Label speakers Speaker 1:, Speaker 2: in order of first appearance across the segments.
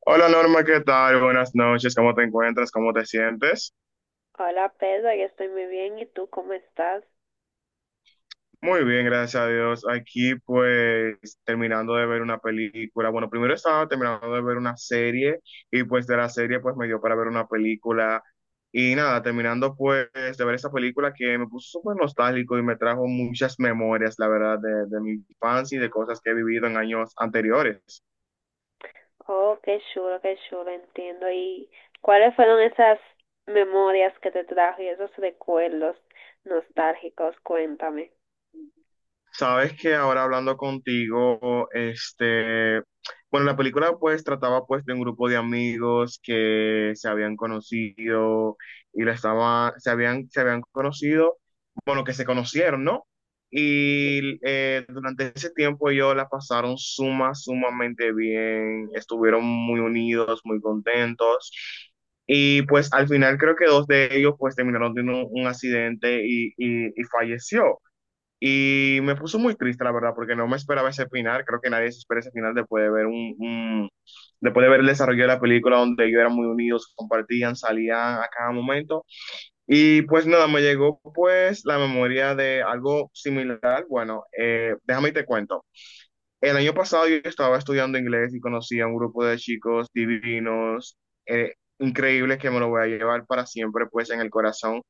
Speaker 1: Hola Norma, ¿qué tal? Buenas noches, ¿cómo te encuentras? ¿Cómo te sientes?
Speaker 2: Hola Pedro, yo estoy muy bien. ¿Y tú cómo estás?
Speaker 1: Muy bien, gracias a Dios. Aquí pues terminando de ver una película. Bueno, primero estaba terminando de ver una serie y pues de la serie pues me dio para ver una película. Y nada, terminando pues de ver esa película que me puso súper nostálgico y me trajo muchas memorias, la verdad, de mi infancia y de cosas que he vivido en años anteriores.
Speaker 2: Oh, qué chulo, entiendo. ¿Y cuáles fueron esas memorias que te trajo y esos recuerdos nostálgicos? Cuéntame.
Speaker 1: Sabes que ahora hablando contigo, bueno, la película pues trataba pues de un grupo de amigos que se habían conocido y la estaba, se habían conocido, bueno, que se conocieron, ¿no? Durante ese tiempo ellos la pasaron sumamente bien, estuvieron muy unidos, muy contentos. Y pues al final creo que dos de ellos pues terminaron teniendo un accidente y y falleció. Y me puso muy triste, la verdad, porque no me esperaba ese final. Creo que nadie se espera ese final después de ver después de ver el desarrollo de la película donde ellos eran muy unidos, compartían, salían a cada momento. Y pues nada, me llegó pues la memoria de algo similar. Bueno, déjame y te cuento. El año pasado yo estaba estudiando inglés y conocí a un grupo de chicos divinos, increíbles que me lo voy a llevar para siempre pues en el corazón,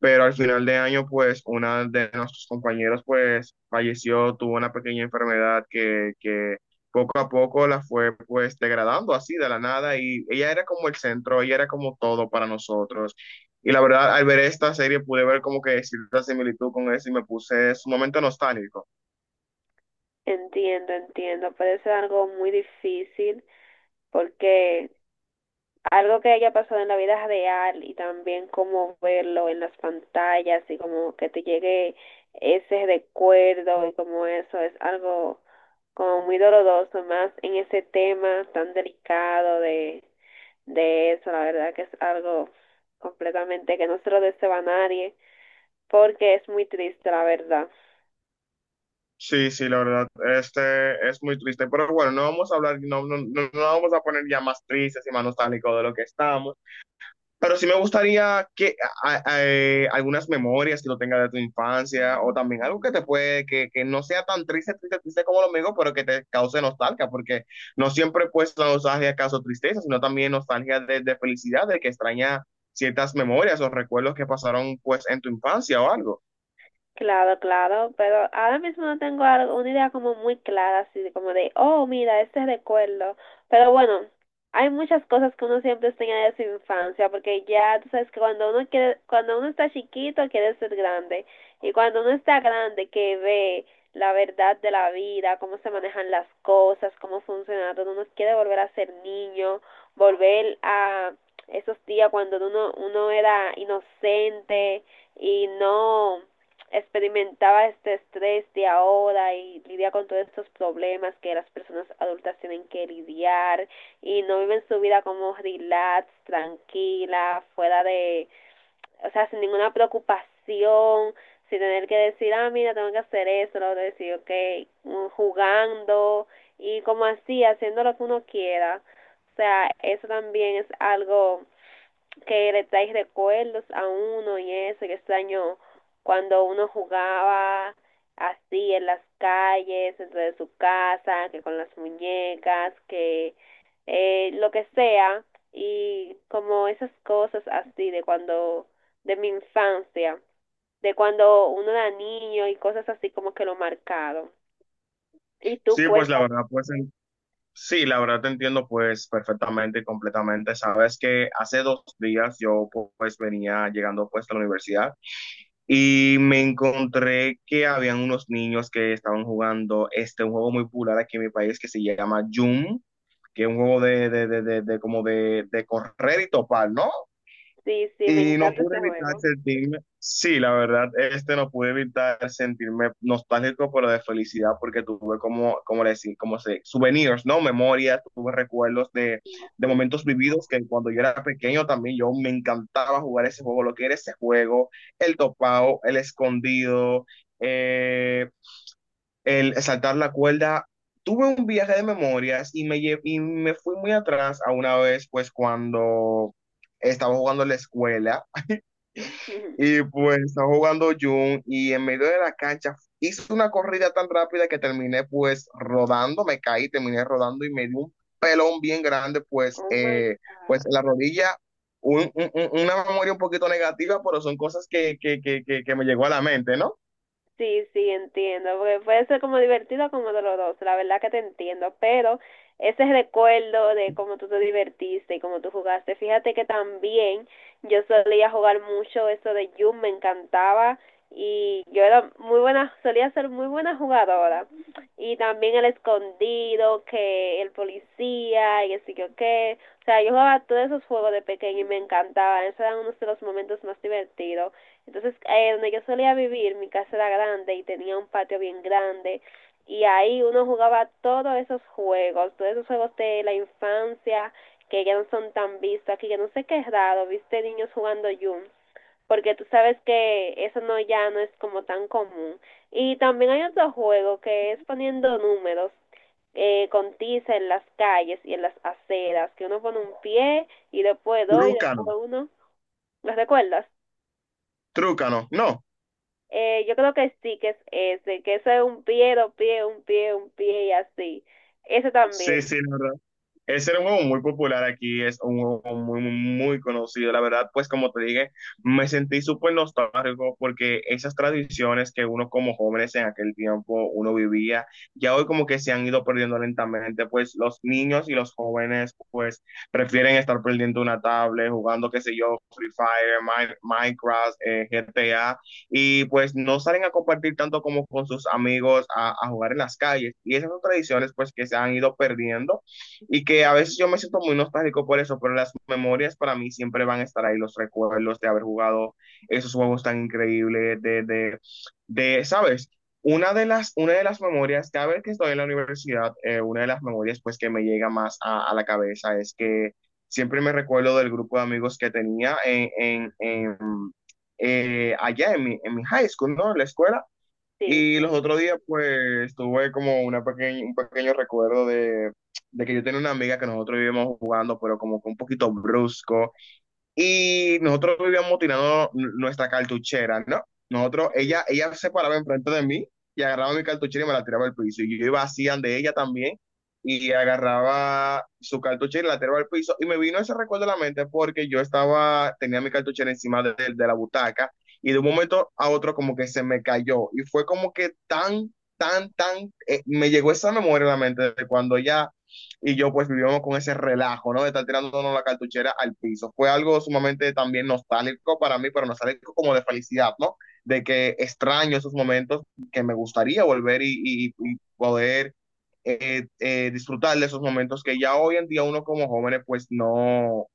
Speaker 1: pero al final de año, pues, una de nuestros compañeros, pues, falleció, tuvo una pequeña enfermedad que poco a poco la fue, pues, degradando así de la nada y ella era como el centro, ella era como todo para nosotros. Y la verdad, al ver esta serie pude ver como que cierta similitud con eso y me puse sumamente nostálgico.
Speaker 2: Entiendo, entiendo. Puede ser algo muy difícil porque algo que haya pasado en la vida real y también como verlo en las pantallas y como que te llegue ese recuerdo y como eso es algo como muy doloroso, más en ese tema tan delicado de eso, la verdad que es algo completamente que no se lo deseo a nadie, porque es muy triste, la verdad.
Speaker 1: Sí, sí, la verdad, este es muy triste, pero bueno, no vamos a hablar, no, no, no vamos a poner ya más tristes y más nostálgicos de lo que estamos. Pero sí me gustaría que algunas memorias que lo tengas de tu infancia o también algo que te puede, que no sea tan triste, triste, triste como lo mío, pero que te cause nostalgia, porque no siempre pues la nostalgia causa tristeza, sino también nostalgia de felicidad, de que extraña ciertas memorias o recuerdos que pasaron pues en tu infancia o algo.
Speaker 2: Claro, claro, pero ahora mismo no tengo algo, una idea como muy clara, así de como de, oh, mira, este recuerdo. Pero bueno, hay muchas cosas que uno siempre extraña de su infancia, porque ya tú sabes que cuando uno quiere, cuando uno está chiquito quiere ser grande, y cuando uno está grande que ve la verdad de la vida, cómo se manejan las cosas, cómo funciona todo, uno quiere volver a ser niño, volver a esos días cuando uno era inocente y no experimentaba este estrés de ahora y lidia con todos estos problemas que las personas adultas tienen que lidiar y no viven su vida como relax, tranquila, fuera de, o sea, sin ninguna preocupación, sin tener que decir, ah, mira, tengo que hacer esto lo otro, decir, ok, jugando y como así, haciendo lo que uno quiera. O sea, eso también es algo que le trae recuerdos a uno y eso, que extraño cuando uno jugaba así en las calles, dentro de su casa, que con las muñecas, que lo que sea, y como esas cosas así de cuando, de mi infancia, de cuando uno era niño y cosas así como que lo marcaron. Y tú
Speaker 1: Sí, pues la
Speaker 2: cuéntame,
Speaker 1: verdad, sí, la verdad te entiendo pues perfectamente y completamente. Sabes que hace 2 días yo pues venía llegando pues a la universidad. Y me encontré que habían unos niños que estaban jugando este, un juego muy popular aquí en mi país que se llama Jum, que es un juego de correr y topar, ¿no?
Speaker 2: sí, sí, me
Speaker 1: Y no
Speaker 2: encanta
Speaker 1: pude
Speaker 2: ese
Speaker 1: evitar
Speaker 2: juego.
Speaker 1: sentirme, sí, la verdad, este no pude evitar sentirme nostálgico, pero de felicidad, porque tuve como, como le decía, como se, souvenirs, ¿no? Memorias, tuve recuerdos de momentos vividos que cuando yo era pequeño también yo me encantaba jugar ese juego, lo que era ese juego, el topado, el escondido, eh, el saltar la cuerda. Tuve un viaje de memorias y y me fui muy atrás a una vez, pues cuando estaba jugando en la escuela y pues está jugando Jun y en medio de la cancha hizo una corrida tan rápida que terminé pues rodando, me caí, terminé rodando y me dio un pelón bien grande pues,
Speaker 2: Oh my
Speaker 1: pues
Speaker 2: God.
Speaker 1: en la rodilla, una memoria un poquito negativa, pero son cosas que me llegó a la mente, ¿no?
Speaker 2: Sí, sí, entiendo, porque puede ser como divertido o como doloroso, la verdad que te entiendo, pero ese recuerdo de cómo tú te divertiste y cómo tú jugaste, fíjate que también yo solía jugar mucho eso de Yum, me encantaba y yo era muy buena, solía ser muy buena jugadora y también el escondido, que el policía y así que qué, o sea, yo jugaba todos esos juegos de pequeño y me encantaba, esos eran unos de los momentos más divertidos. Entonces, donde yo solía vivir, mi casa era grande y tenía un patio bien grande y ahí uno jugaba todos esos juegos de la infancia que ya no son tan vistos aquí, que no sé qué es raro, viste niños jugando Yum, porque tú sabes que eso no ya no es como tan común. Y también hay otro juego que es poniendo números con tiza en las calles y en las aceras, que uno pone un pie y después dos y
Speaker 1: Trúcano,
Speaker 2: después uno. ¿Los recuerdas?
Speaker 1: trúcano, no.
Speaker 2: Yo creo que sí, que es ese, que eso es un pie, dos pies, un pie y así. Ese
Speaker 1: Sí,
Speaker 2: también,
Speaker 1: sí, ese era un juego muy popular aquí, es un juego muy conocido. La verdad, pues como te dije, me sentí súper nostálgico porque esas tradiciones que uno como jóvenes en aquel tiempo uno vivía, ya hoy como que se han ido perdiendo lentamente, pues los niños y los jóvenes pues prefieren estar perdiendo una tablet, jugando, qué sé yo, Free Fire, Minecraft, GTA, y pues no salen a compartir tanto como con sus amigos a jugar en las calles. Y esas son tradiciones pues que se han ido perdiendo y que a veces yo me siento muy nostálgico por eso, pero las memorias para mí siempre van a estar ahí, los recuerdos de haber jugado esos juegos tan increíbles, de ¿sabes? Una de las memorias, cada vez que estoy en la universidad, una de las memorias pues que me llega más a la cabeza es que siempre me recuerdo del grupo de amigos que tenía allá en en mi high school, ¿no? En la escuela.
Speaker 2: sí,
Speaker 1: Y los
Speaker 2: sí.
Speaker 1: otros días, pues, tuve como una pequeña, un pequeño recuerdo de que yo tenía una amiga que nosotros vivíamos jugando, pero como que un poquito brusco. Y nosotros vivíamos tirando nuestra cartuchera, ¿no? Nosotros, ella se paraba enfrente de mí y agarraba mi cartuchera y me la tiraba al piso. Y yo iba así de ella también y agarraba su cartuchera y la tiraba al piso. Y me vino ese recuerdo a la mente porque yo estaba, tenía mi cartuchera encima de la butaca y de un momento a otro como que se me cayó. Y fue como que tan, me llegó esa memoria a la mente de cuando ella y yo pues vivíamos con ese relajo, ¿no? De estar tirándonos la cartuchera al piso. Fue algo sumamente también nostálgico para mí, pero nostálgico como de felicidad, ¿no? De que extraño esos momentos que me gustaría volver y poder disfrutar de esos momentos que ya hoy en día uno como jóvenes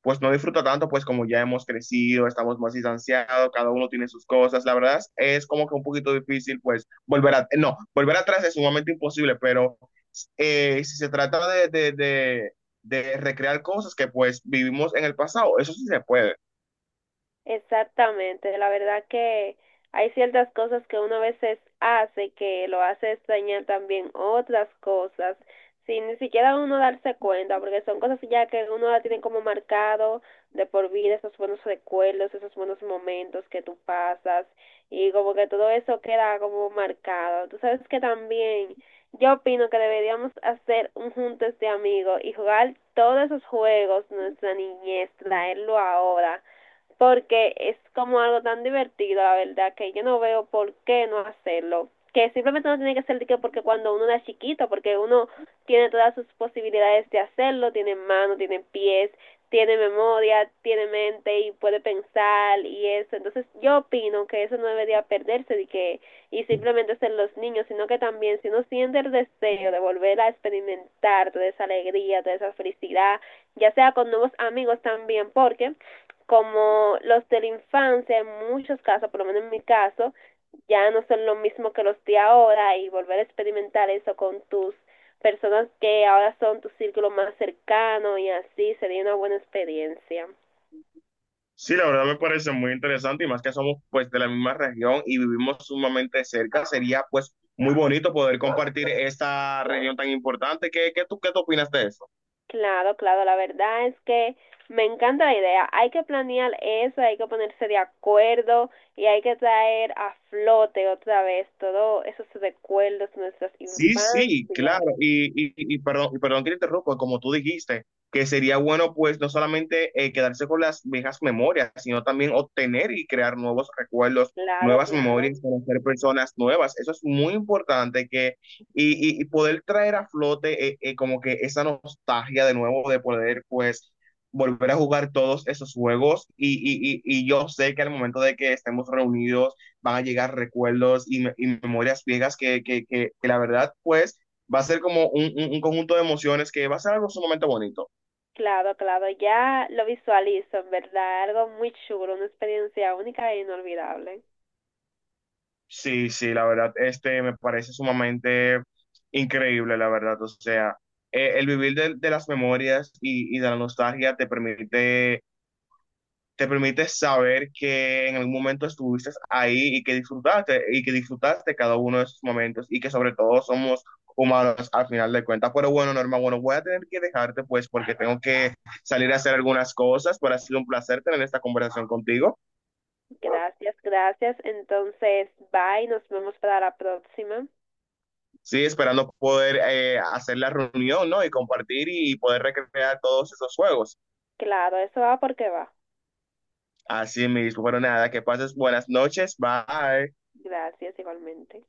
Speaker 1: pues no disfruto tanto, pues como ya hemos crecido, estamos más distanciados, cada uno tiene sus cosas, la verdad es como que un poquito difícil, pues volver a, no, volver atrás es sumamente imposible, pero si se trata de recrear cosas que pues vivimos en el pasado, eso sí se puede.
Speaker 2: Exactamente, la verdad que hay ciertas cosas que uno a veces hace que lo hace extrañar también otras cosas, sin ni siquiera uno darse cuenta, porque son cosas ya que uno la tiene como marcado de por vida, esos buenos recuerdos, esos buenos momentos que tú pasas, y como que todo eso queda como marcado. Tú sabes que también yo opino que deberíamos hacer un juntes de amigos y jugar todos esos juegos, nuestra niñez, traerlo ahora porque es como algo tan divertido, la verdad, que yo no veo por qué no hacerlo. Que simplemente no tiene que ser de que porque cuando uno es chiquito, porque uno tiene todas sus posibilidades de hacerlo, tiene manos, tiene pies, tiene memoria, tiene mente y puede pensar y eso. Entonces yo opino que eso no debería perderse y que y simplemente ser los niños, sino que también si uno siente el deseo de volver a experimentar toda esa alegría, toda esa felicidad, ya sea con nuevos amigos también, porque como los de la infancia, en muchos casos, por lo menos en mi caso, ya no son lo mismo que los de ahora y volver a experimentar eso con tus personas que ahora son tu círculo más cercano y así sería una buena experiencia.
Speaker 1: Sí, la verdad me parece muy interesante y más que somos pues de la misma región y vivimos sumamente cerca, sería pues muy bonito poder compartir esta región tan importante. Qué tú opinas de eso?
Speaker 2: Claro, claro, la verdad es que me encanta la idea. Hay que planear eso, hay que ponerse de acuerdo y hay que traer a flote otra vez todos esos recuerdos de nuestras
Speaker 1: Sí, sí, claro.
Speaker 2: infancias.
Speaker 1: Y perdón, y perdón que te interrumpa, como tú dijiste, que sería bueno pues no solamente quedarse con las viejas memorias, sino también obtener y crear nuevos recuerdos,
Speaker 2: Claro,
Speaker 1: nuevas
Speaker 2: claro.
Speaker 1: memorias, conocer personas nuevas. Eso es muy importante que, y, y poder traer a flote como que esa nostalgia de nuevo de poder pues volver a jugar todos esos juegos. Y yo sé que al momento de que estemos reunidos van a llegar recuerdos y memorias viejas la verdad, pues, va a ser como un conjunto de emociones que va a ser algo sumamente bonito.
Speaker 2: Claro, claro, ya lo visualizo, en verdad, algo muy chulo, una experiencia única e inolvidable.
Speaker 1: Sí, sí, la verdad, este me parece sumamente increíble, la verdad, o sea, el vivir de las memorias de la nostalgia te permite saber que en algún momento estuviste ahí y que disfrutaste cada uno de esos momentos y que sobre todo somos humanos al final de cuentas. Pero bueno, Norma, bueno, voy a tener que dejarte pues porque tengo que salir a hacer algunas cosas, pero ha sido un placer tener esta conversación contigo.
Speaker 2: Gracias, gracias. Entonces, bye, nos vemos para la próxima.
Speaker 1: Sí, esperando poder hacer la reunión, ¿no? Y compartir y poder recrear todos esos juegos.
Speaker 2: Claro, eso va porque va.
Speaker 1: Así mismo, pero nada, que pases buenas noches, bye.
Speaker 2: Gracias igualmente.